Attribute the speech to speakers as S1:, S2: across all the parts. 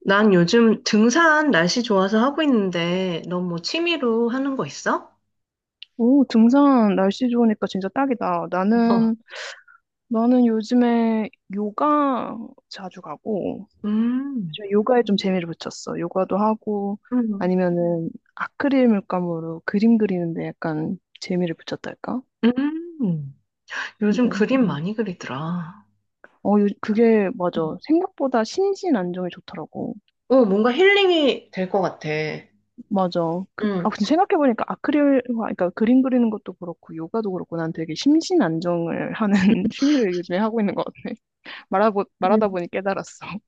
S1: 난 요즘 등산 날씨 좋아서 하고 있는데, 너 뭐 취미로 하는 거 있어?
S2: 오, 등산 날씨 좋으니까 진짜 딱이다.
S1: 어,
S2: 나는 요즘에 요가 자주 가고,
S1: 음,
S2: 요즘 요가에 좀 재미를 붙였어. 요가도 하고,
S1: 음,
S2: 아니면은 아크릴 물감으로 그림 그리는데 약간 재미를 붙였달까?
S1: 음. 요즘
S2: 근데,
S1: 그림 많이 그리더라.
S2: 그게, 맞아. 생각보다 심신 안정이 좋더라고.
S1: 어, 뭔가 힐링이 될 것 같아.
S2: 맞아.
S1: 음,
S2: 근데 생각해보니까 아크릴, 그러니까 그림 그리는 것도 그렇고, 요가도 그렇고, 난 되게 심신 안정을 하는 취미를 요즘에 하고 있는 것 같아. 말하고, 말하다
S1: 음.
S2: 보니 깨달았어.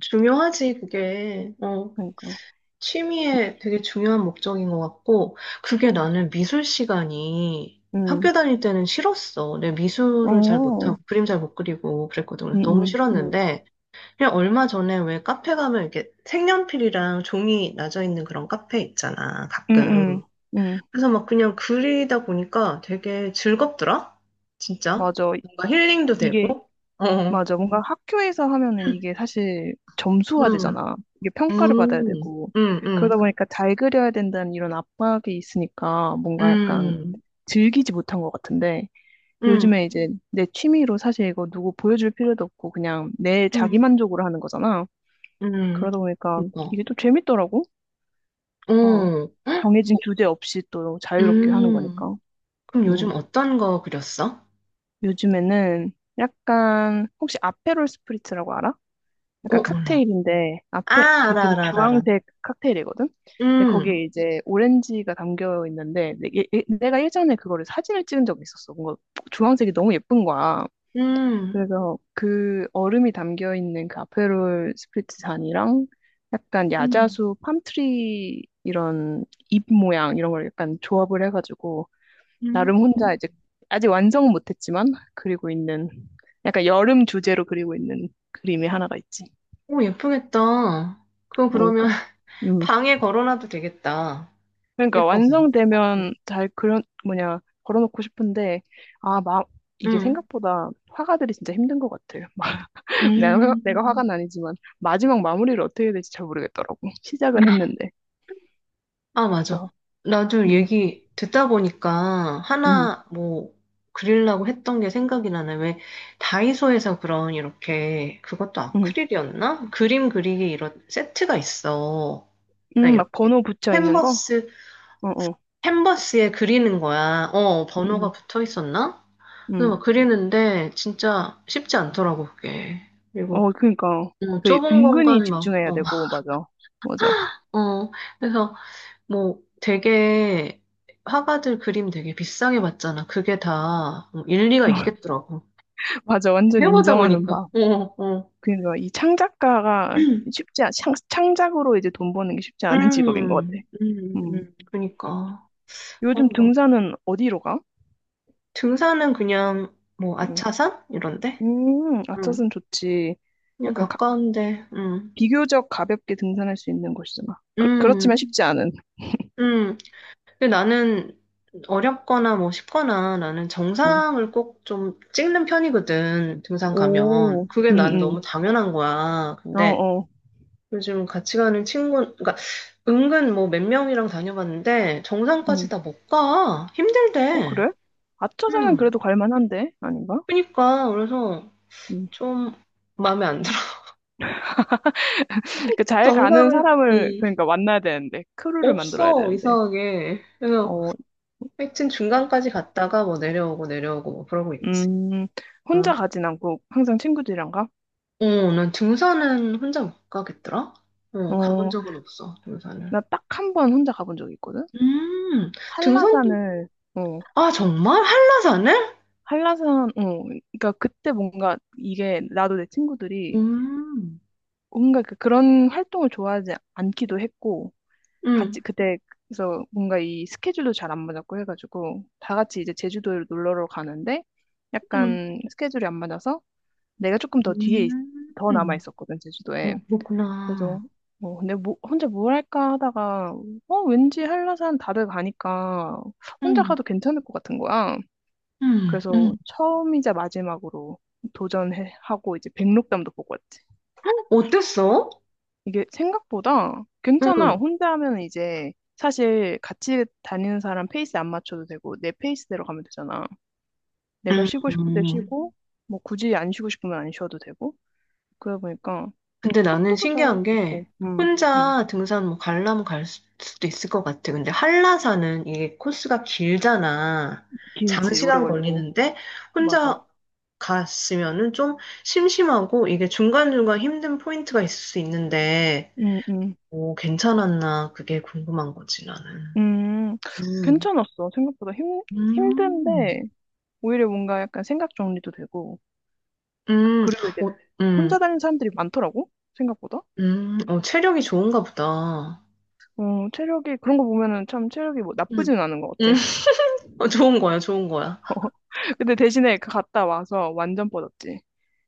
S1: 중요하지, 그게. 어,
S2: 그러니까. 이-
S1: 취미에 되게 중요한 목적인 것 같고, 그게
S2: 맞아.
S1: 나는 미술 시간이
S2: 음.
S1: 학교 다닐 때는 싫었어. 내
S2: 어.
S1: 미술을 잘 못하고,
S2: 음,
S1: 그림 잘 못 그리고 그랬거든. 그래서 너무
S2: 음, 음.
S1: 싫었는데, 그냥 얼마 전에 왜 카페 가면 이렇게 색연필이랑 종이 나져 있는 그런 카페 있잖아,
S2: 음, 음.
S1: 가끔.
S2: 음.
S1: 그래서 막 그냥 그리다 보니까 되게 즐겁더라? 진짜?
S2: 맞아.
S1: 뭔가 힐링도
S2: 이게,
S1: 되고? 어.
S2: 맞아. 뭔가 학교에서 하면은 이게 사실 점수화
S1: 음.
S2: 되잖아. 이게 평가를 받아야
S1: 음.
S2: 되고.
S1: 음.
S2: 그러다
S1: 음.
S2: 보니까 잘 그려야 된다는 이런 압박이 있으니까 뭔가 약간
S1: 음.
S2: 즐기지 못한 것 같은데
S1: 음.
S2: 요즘에 이제 내 취미로 사실 이거 누구 보여줄 필요도 없고 그냥 내 자기
S1: 음.
S2: 만족으로 하는 거잖아.
S1: 음.
S2: 그러다 보니까
S1: 어.
S2: 이게 또 재밌더라고. 어,
S1: 어.
S2: 정해진 규제 없이 또 자유롭게 하는
S1: 음.
S2: 거니까.
S1: 그럼 요즘
S2: 음.
S1: 어떤 거 그렸어?
S2: 요즘에는 약간 혹시 아페롤 스프리츠라고 알아? 약간
S1: 어, 몰라.
S2: 칵테일인데
S1: 아,
S2: 앞에 그
S1: 알아,
S2: 되게
S1: 알아, 알아. 알아.
S2: 주황색 칵테일이거든. 근데
S1: 음.
S2: 거기에 이제 오렌지가 담겨 있는데 내가 예전에 그거를 사진을 찍은 적이 있었어. 뭔가 주황색이 너무 예쁜 거야.
S1: 음.
S2: 그래서 그 얼음이 담겨 있는 그 아페롤 스프리트 잔이랑 약간
S1: 음.
S2: 야자수 팜트리 이런 잎 모양 이런 걸 약간 조합을 해가지고
S1: 음.
S2: 나름 혼자 이제 아직 완성은 못했지만 그리고 있는 약간 여름 주제로 그리고 있는 그림이 하나가 있지.
S1: 오, 예쁘겠다. 그거 그러면
S2: 그러니까 음
S1: 방에 걸어놔도 되겠다.
S2: 그러니까
S1: 예뻐서.
S2: 완성되면 잘 그런 뭐냐 걸어놓고 싶은데 막 이게
S1: 응.
S2: 생각보다 화가들이 진짜 힘든 것 같아요. 내가 화가
S1: 음.
S2: 나니지만 마지막 마무리를 어떻게 해야 될지 잘 모르겠더라고. 시작은 했는데.
S1: 아, 맞아.
S2: 그래서
S1: 나도
S2: 음,
S1: 얘기 듣다 보니까
S2: 음,
S1: 하나 뭐 그리려고 했던 게 생각이 나네. 왜 다이소에서 그런 이렇게 그것도
S2: 음,
S1: 아크릴이었나? 그림 그리기 이런 세트가 있어. 그러니까
S2: 막
S1: 이렇게
S2: 번호 붙여 있는 거?
S1: 캔버스,
S2: 어, 어,
S1: 캔버스에 그리는 거야. 어,
S2: 음,
S1: 번호가 붙어 있었나?
S2: 음,
S1: 그래서
S2: 음.
S1: 막 그리는데 진짜 쉽지 않더라고 그게. 그리고
S2: 어, 그러니까
S1: 뭐
S2: 그
S1: 좁은
S2: 은근히
S1: 공간 막
S2: 집중해야
S1: 어,
S2: 되고 맞아, 맞아,
S1: 어 그래서 뭐 되게 화가들 그림 되게 비싸게 봤잖아. 그게 다뭐 일리가 있겠더라고.
S2: 맞아. 완전
S1: 해보다
S2: 인정하는
S1: 보니까.
S2: 바.
S1: 어, 어.
S2: 그러니까 이 창작가가
S1: 음,
S2: 창작으로 이제 돈 버는 게 쉽지 않은 직업인 것 같아. 음.
S1: 그러니까. 어,
S2: 요즘
S1: 뭐.
S2: 등산은 어디로 가?
S1: 등산은 그냥 뭐
S2: 음,
S1: 아차산 이런데. 응
S2: 아차산 좋지.
S1: 그냥
S2: 약간
S1: 가까운데. 응
S2: 비교적 가볍게 등산할 수 있는 곳이잖아. 그렇지만
S1: 음,
S2: 쉽지 않은.
S1: 음. 근데 나는 어렵거나 뭐 쉽거나 나는
S2: 응.
S1: 정상을 꼭 좀 찍는 편이거든, 등산 가면.
S2: 오,
S1: 그게 난
S2: 응,
S1: 너무 당연한 거야.
S2: 응. 어,
S1: 근데
S2: 어,
S1: 요즘 같이 가는 친구, 그러니까 은근 뭐 몇 명이랑 다녀봤는데 정상까지
S2: 응.
S1: 다 못 가.
S2: 어,
S1: 힘들대.
S2: 그래? 아차산은
S1: 음.
S2: 그래도 갈만한데? 아닌가?
S1: 그러니까 그래서
S2: 응.
S1: 좀 마음에 안 들어.
S2: 그 잘 가는
S1: 정상을,
S2: 사람을, 그러니까 만나야 되는데, 크루를 만들어야
S1: 없어,
S2: 되는데.
S1: 이상하게. 그래서
S2: 어,
S1: 하여튼 중간까지 갔다가 뭐 내려오고 내려오고 뭐 그러고 있지.
S2: 음, 혼자
S1: 응.
S2: 가진 않고 항상 친구들이랑 가?
S1: 어, 난 등산은 혼자 못 가겠더라? 어, 가본
S2: 어,
S1: 적은 없어, 등산을.
S2: 나 딱 한 번 혼자 가본 적이 있거든?
S1: 음, 등산도,
S2: 한라산을, 어,
S1: 아, 정말? 한라산을?
S2: 한라산, 어, 그러니까 그때 뭔가 이게 나도 내 친구들이
S1: 음,
S2: 뭔가 그런 활동을 좋아하지 않기도 했고,
S1: 음,
S2: 같이 그때, 그래서 뭔가 이 스케줄도 잘 안 맞았고 해가지고, 다 같이 이제 제주도를 놀러 가는데,
S1: 음,
S2: 약간 스케줄이 안 맞아서, 내가 조금 더 뒤에, 더 남아
S1: 음,
S2: 있었거든, 제주도에.
S1: 어,
S2: 그래서,
S1: 그렇구나.
S2: 어, 근데 뭐, 혼자 뭘 할까 하다가, 어, 왠지 한라산 다들 가니까, 혼자
S1: 음,
S2: 가도 괜찮을 것 같은 거야.
S1: 음, 음.
S2: 그래서 처음이자 마지막으로 도전하고, 이제 백록담도 보고 왔지.
S1: 어땠어?
S2: 이게 생각보다 괜찮아.
S1: 음,
S2: 혼자 하면 이제 사실 같이 다니는 사람 페이스 안 맞춰도 되고 내 페이스대로 가면 되잖아. 내가 쉬고 싶을 때
S1: 음.
S2: 쉬고 뭐 굳이 안 쉬고 싶으면 안 쉬어도 되고 그러다 보니까
S1: 근데 나는
S2: 속도도 잘
S1: 신기한
S2: 붙고
S1: 게,
S2: 음.
S1: 혼자 등산 뭐 가려면 갈 수도 있을 것 같아. 근데 한라산은 이게 코스가 길잖아.
S2: 길지 오래
S1: 장시간
S2: 걸리고
S1: 걸리는데,
S2: 맞아.
S1: 혼자 갔으면은 좀 심심하고 이게 중간중간 힘든 포인트가 있을 수 있는데,
S2: 음, 음.
S1: 오, 괜찮았나? 그게 궁금한 거지, 나는.
S2: 음,
S1: 음.
S2: 괜찮았어. 생각보다 힘,
S1: 음,
S2: 힘든데 오히려 뭔가 약간 생각 정리도 되고
S1: 음,
S2: 그리고 이제
S1: 어,
S2: 혼자 다니는 사람들이 많더라고 생각보다.
S1: 어, 체력이 좋은가 보다.
S2: 어, 체력이, 그런 거 보면은 참 체력이 뭐
S1: 음.
S2: 나쁘진 않은 것
S1: 음,
S2: 같아.
S1: 어, 좋은 거야, 좋은 거야.
S2: 근데 대신에 그 갔다 와서 완전 뻗었지.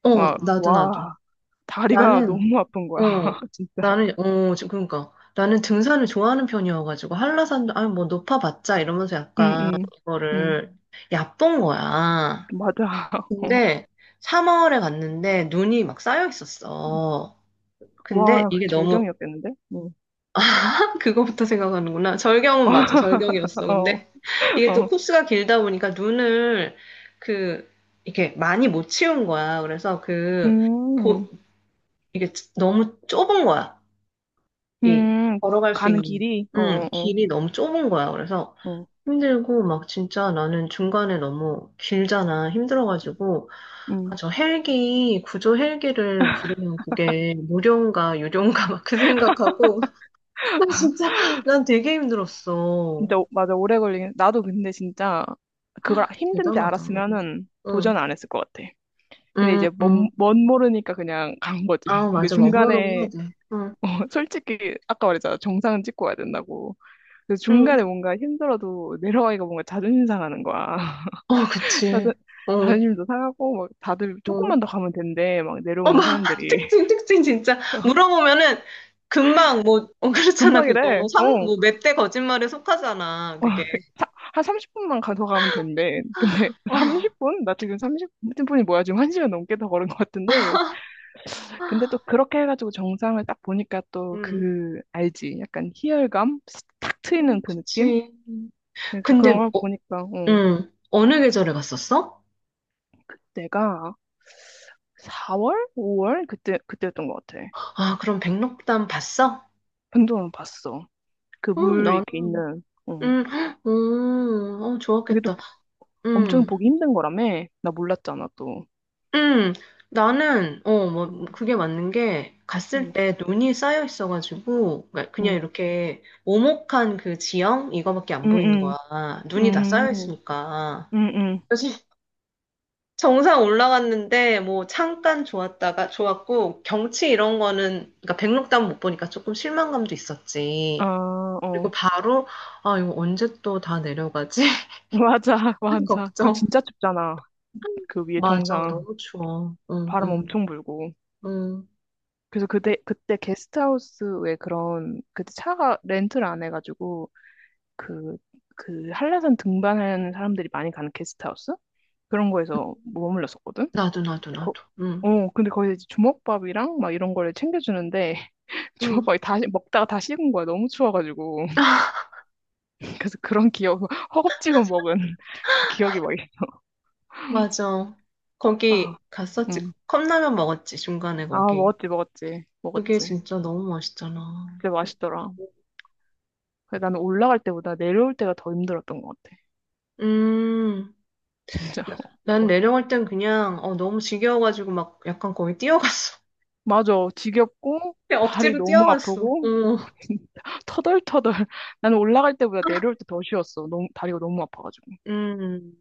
S1: 어, 어.
S2: 막,
S1: 나도, 나도.
S2: 와, 다리가
S1: 나는,
S2: 너무 아픈 거야.
S1: 어,
S2: 진짜.
S1: 나는, 어, 지금 그러니까. 나는 등산을 좋아하는 편이어가지고, 한라산도, 아, 뭐, 높아봤자, 이러면서
S2: 응,
S1: 약간,
S2: 응, 응.
S1: 이거를 얕본 거야.
S2: 맞아. 어.
S1: 근데 3월에 갔는데 눈이 막 쌓여 있었어. 근데
S2: 와, 그
S1: 이게 너무
S2: 절경이었겠는데? 응.
S1: 그거부터 생각하는구나. 절경은 맞아. 절경이었어.
S2: 어,
S1: 근데 이게 또
S2: 어.
S1: 코스가 길다 보니까 눈을 그 이렇게 많이 못 치운 거야. 그래서 그
S2: 음,
S1: 보, 이게 너무 좁은 거야. 이
S2: 음,
S1: 걸어갈 수
S2: 가는
S1: 있는
S2: 길이? 어, 어,
S1: 길이 너무 좁은 거야. 그래서
S2: 어. 어.
S1: 힘들고 막 진짜 나는 중간에 너무 길잖아. 힘들어가지고
S2: 음.
S1: 아, 저 헬기 구조 헬기를 부르면 그게 무료인가 유료인가 막 그 생각하고 나 진짜 난 되게 힘들었어.
S2: 진짜, 맞아, 오래 걸리긴. 나도 근데 진짜 그걸 힘든지
S1: 대단하다.
S2: 알았으면은
S1: 응.
S2: 도전 안 했을 것 같아. 근데
S1: 응,
S2: 이제
S1: 응.
S2: 뭔 모르니까 그냥 간 거지.
S1: 아,
S2: 근데
S1: 맞아. 원모로 해야
S2: 중간에
S1: 돼. 응.
S2: 어, 솔직히 아까 말했잖아. 정상은 찍고 와야 된다고. 그래서 중간에
S1: 응.
S2: 뭔가 힘들어도 내려가기가 뭔가 자존심 상하는 거야.
S1: 어, 그치.
S2: 자존,
S1: 어, 어.
S2: 자존심도 상하고 막 다들 조금만 더 가면 된대. 막
S1: 어,
S2: 내려오는
S1: 막
S2: 사람들이.
S1: 특징 진짜 물어보면은 금방 뭐 어, 그렇잖아
S2: 금방이래.
S1: 그거
S2: 어.
S1: 삼뭐몇 대 거짓말에 속하잖아.
S2: 어,
S1: 그게
S2: 사- 한 30분만 가, 더 가면 된대. 근데
S1: 아,
S2: 30분? 나 지금 30분이 뭐야? 지금 1시간 넘게 더 걸은 것 같은데. 근데 또 그렇게 해가지고 정상을 딱 보니까 또
S1: 음,
S2: 그, 알지? 약간 희열감? 탁 트이는 그 느낌?
S1: 그치.
S2: 예,
S1: 근데,
S2: 그런 걸
S1: 어,
S2: 보니까, 어,
S1: 어느 계절에 갔었어?
S2: 그때가 4월? 5월? 그때였던 것 같아.
S1: 아, 그럼 백록담 봤어?
S2: 변동은 봤어. 그
S1: 응,
S2: 물
S1: 나는,
S2: 이렇게 있는, 어.
S1: 헉, 어,
S2: 그게 또
S1: 좋았겠다.
S2: 엄청
S1: 음,
S2: 보기 힘든 거라며? 나 몰랐잖아, 또.
S1: 음, 나는, 어, 뭐,
S2: 응,
S1: 그게 맞는 게, 갔을
S2: 응,
S1: 때 눈이 쌓여 있어가지고, 그러니까 그냥
S2: 응,
S1: 이렇게 오목한 그 지형? 이거밖에 안
S2: 응,
S1: 보이는 거야.
S2: 응,
S1: 눈이 다 쌓여
S2: 응,
S1: 있으니까.
S2: 응.
S1: 그래서 정상 올라갔는데 뭐 잠깐 좋았다가 좋았고 경치 이런 거는 그러니까 백록담 못 보니까 조금 실망감도
S2: 아,
S1: 있었지. 그리고
S2: 어.
S1: 바로 아 이거 언제 또 다 내려가지?
S2: 맞아,
S1: 하는
S2: 맞아. 그리고
S1: 걱정.
S2: 진짜 춥잖아. 그 위에
S1: 맞아
S2: 정상.
S1: 너무 추워. 응
S2: 바람
S1: 응
S2: 엄청 불고.
S1: 응.
S2: 그래서 그때 게스트하우스에 그런 그때 차가 렌트를 안 해가지고 그 한라산 등반하는 사람들이 많이 가는 게스트하우스 그런 거에서 머물렀었거든.
S1: 나도 나도
S2: 거-
S1: 나도. 응
S2: 어 근데 거기서 이제 주먹밥이랑 막 이런 거를 챙겨주는데
S1: 응.
S2: 주먹밥이 다 먹다가 다 식은 거야 너무 추워가지고 그래서 그런 기억 허겁지겁 먹은 그 기억이 막
S1: 맞아. 거기
S2: 아,
S1: 갔었지.
S2: 응.
S1: 컵라면 먹었지 중간에
S2: 아,
S1: 거기.
S2: 먹었지, 먹었지,
S1: 그게
S2: 먹었지.
S1: 진짜 너무 맛있잖아.
S2: 근데 맛있더라. 그래, 나는 올라갈 때보다 내려올 때가 더 힘들었던 것 같아.
S1: 음.
S2: 진짜.
S1: 나- 난 내려갈 땐 그냥 어, 너무 지겨워가지고 막 약간 거기 뛰어갔어.
S2: 맞아. 지겹고,
S1: 그냥
S2: 다리
S1: 억지로
S2: 너무
S1: 뛰어갔어.
S2: 아프고,
S1: 어.
S2: 진짜 터덜터덜. 나는 올라갈 때보다 내려올 때 더 쉬웠어. 너무, 다리가 너무 아파가지고.
S1: 음,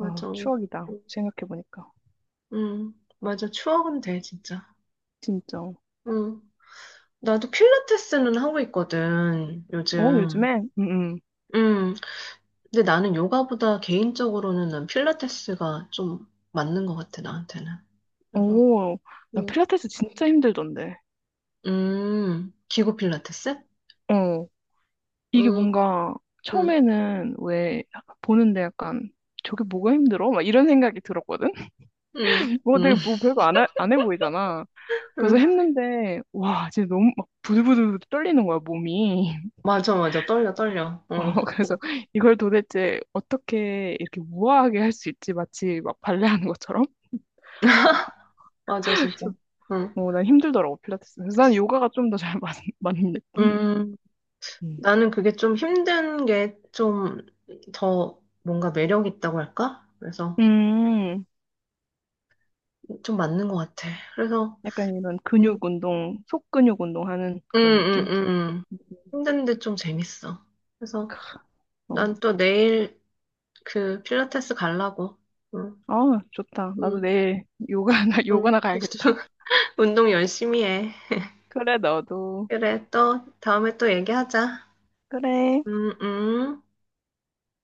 S2: 아, 추억이다. 생각해보니까.
S1: 음, 맞아. 추억은 돼, 진짜.
S2: 진짜.
S1: 음. 나도 필라테스는 하고 있거든,
S2: 어,
S1: 요즘.
S2: 요즘에? 응, 응.
S1: 음, 근데 나는 요가보다 개인적으로는 난 필라테스가 좀 맞는 것 같아, 나한테는. 그래서,
S2: 오, 난
S1: 음,
S2: 필라테스 진짜 힘들던데.
S1: 기구 필라테스?
S2: 어, 이게
S1: 음,
S2: 뭔가,
S1: 음,
S2: 처음에는 왜, 보는데 약간, 저게 뭐가 힘들어? 막 이런 생각이 들었거든?
S1: 음,
S2: 뭐
S1: 음.
S2: 되게 뭐 별거 안 해 보이잖아. 그래서
S1: 음.
S2: 했는데, 와, 진짜 너무 막 부들부들 떨리는 거야, 몸이.
S1: 맞아, 맞아. 떨려, 떨려. 어.
S2: 어, 그래서 이걸 도대체 어떻게 이렇게 우아하게 할 수 있지? 마치 막 발레하는 것처럼. 그래서
S1: 맞아, 진짜.
S2: 그래서
S1: 응.
S2: 어, 난 힘들더라고, 필라테스. 그래서 난 요가가 좀 더 잘 맞는, 맞는 느낌?
S1: 음,
S2: 음.
S1: 나는 그게 좀 힘든 게 좀 더 뭔가 매력 있다고 할까? 그래서
S2: 음,
S1: 좀 맞는 것 같아. 그래서,
S2: 약간 이런
S1: 음,
S2: 근육 운동, 속근육 운동하는
S1: 음,
S2: 그런
S1: 음,
S2: 느낌?
S1: 음. 힘든데 좀 재밌어. 그래서 난
S2: 어.
S1: 또 내일 그 필라테스 갈라고. 응,
S2: 아, 좋다. 나도
S1: 응,
S2: 내일 요가나,
S1: 응.
S2: 요가나 가야겠다.
S1: 운동 열심히 해.
S2: 그래, 너도.
S1: 그래, 또 다음에 또 얘기하자.
S2: 그래.
S1: 음, 음.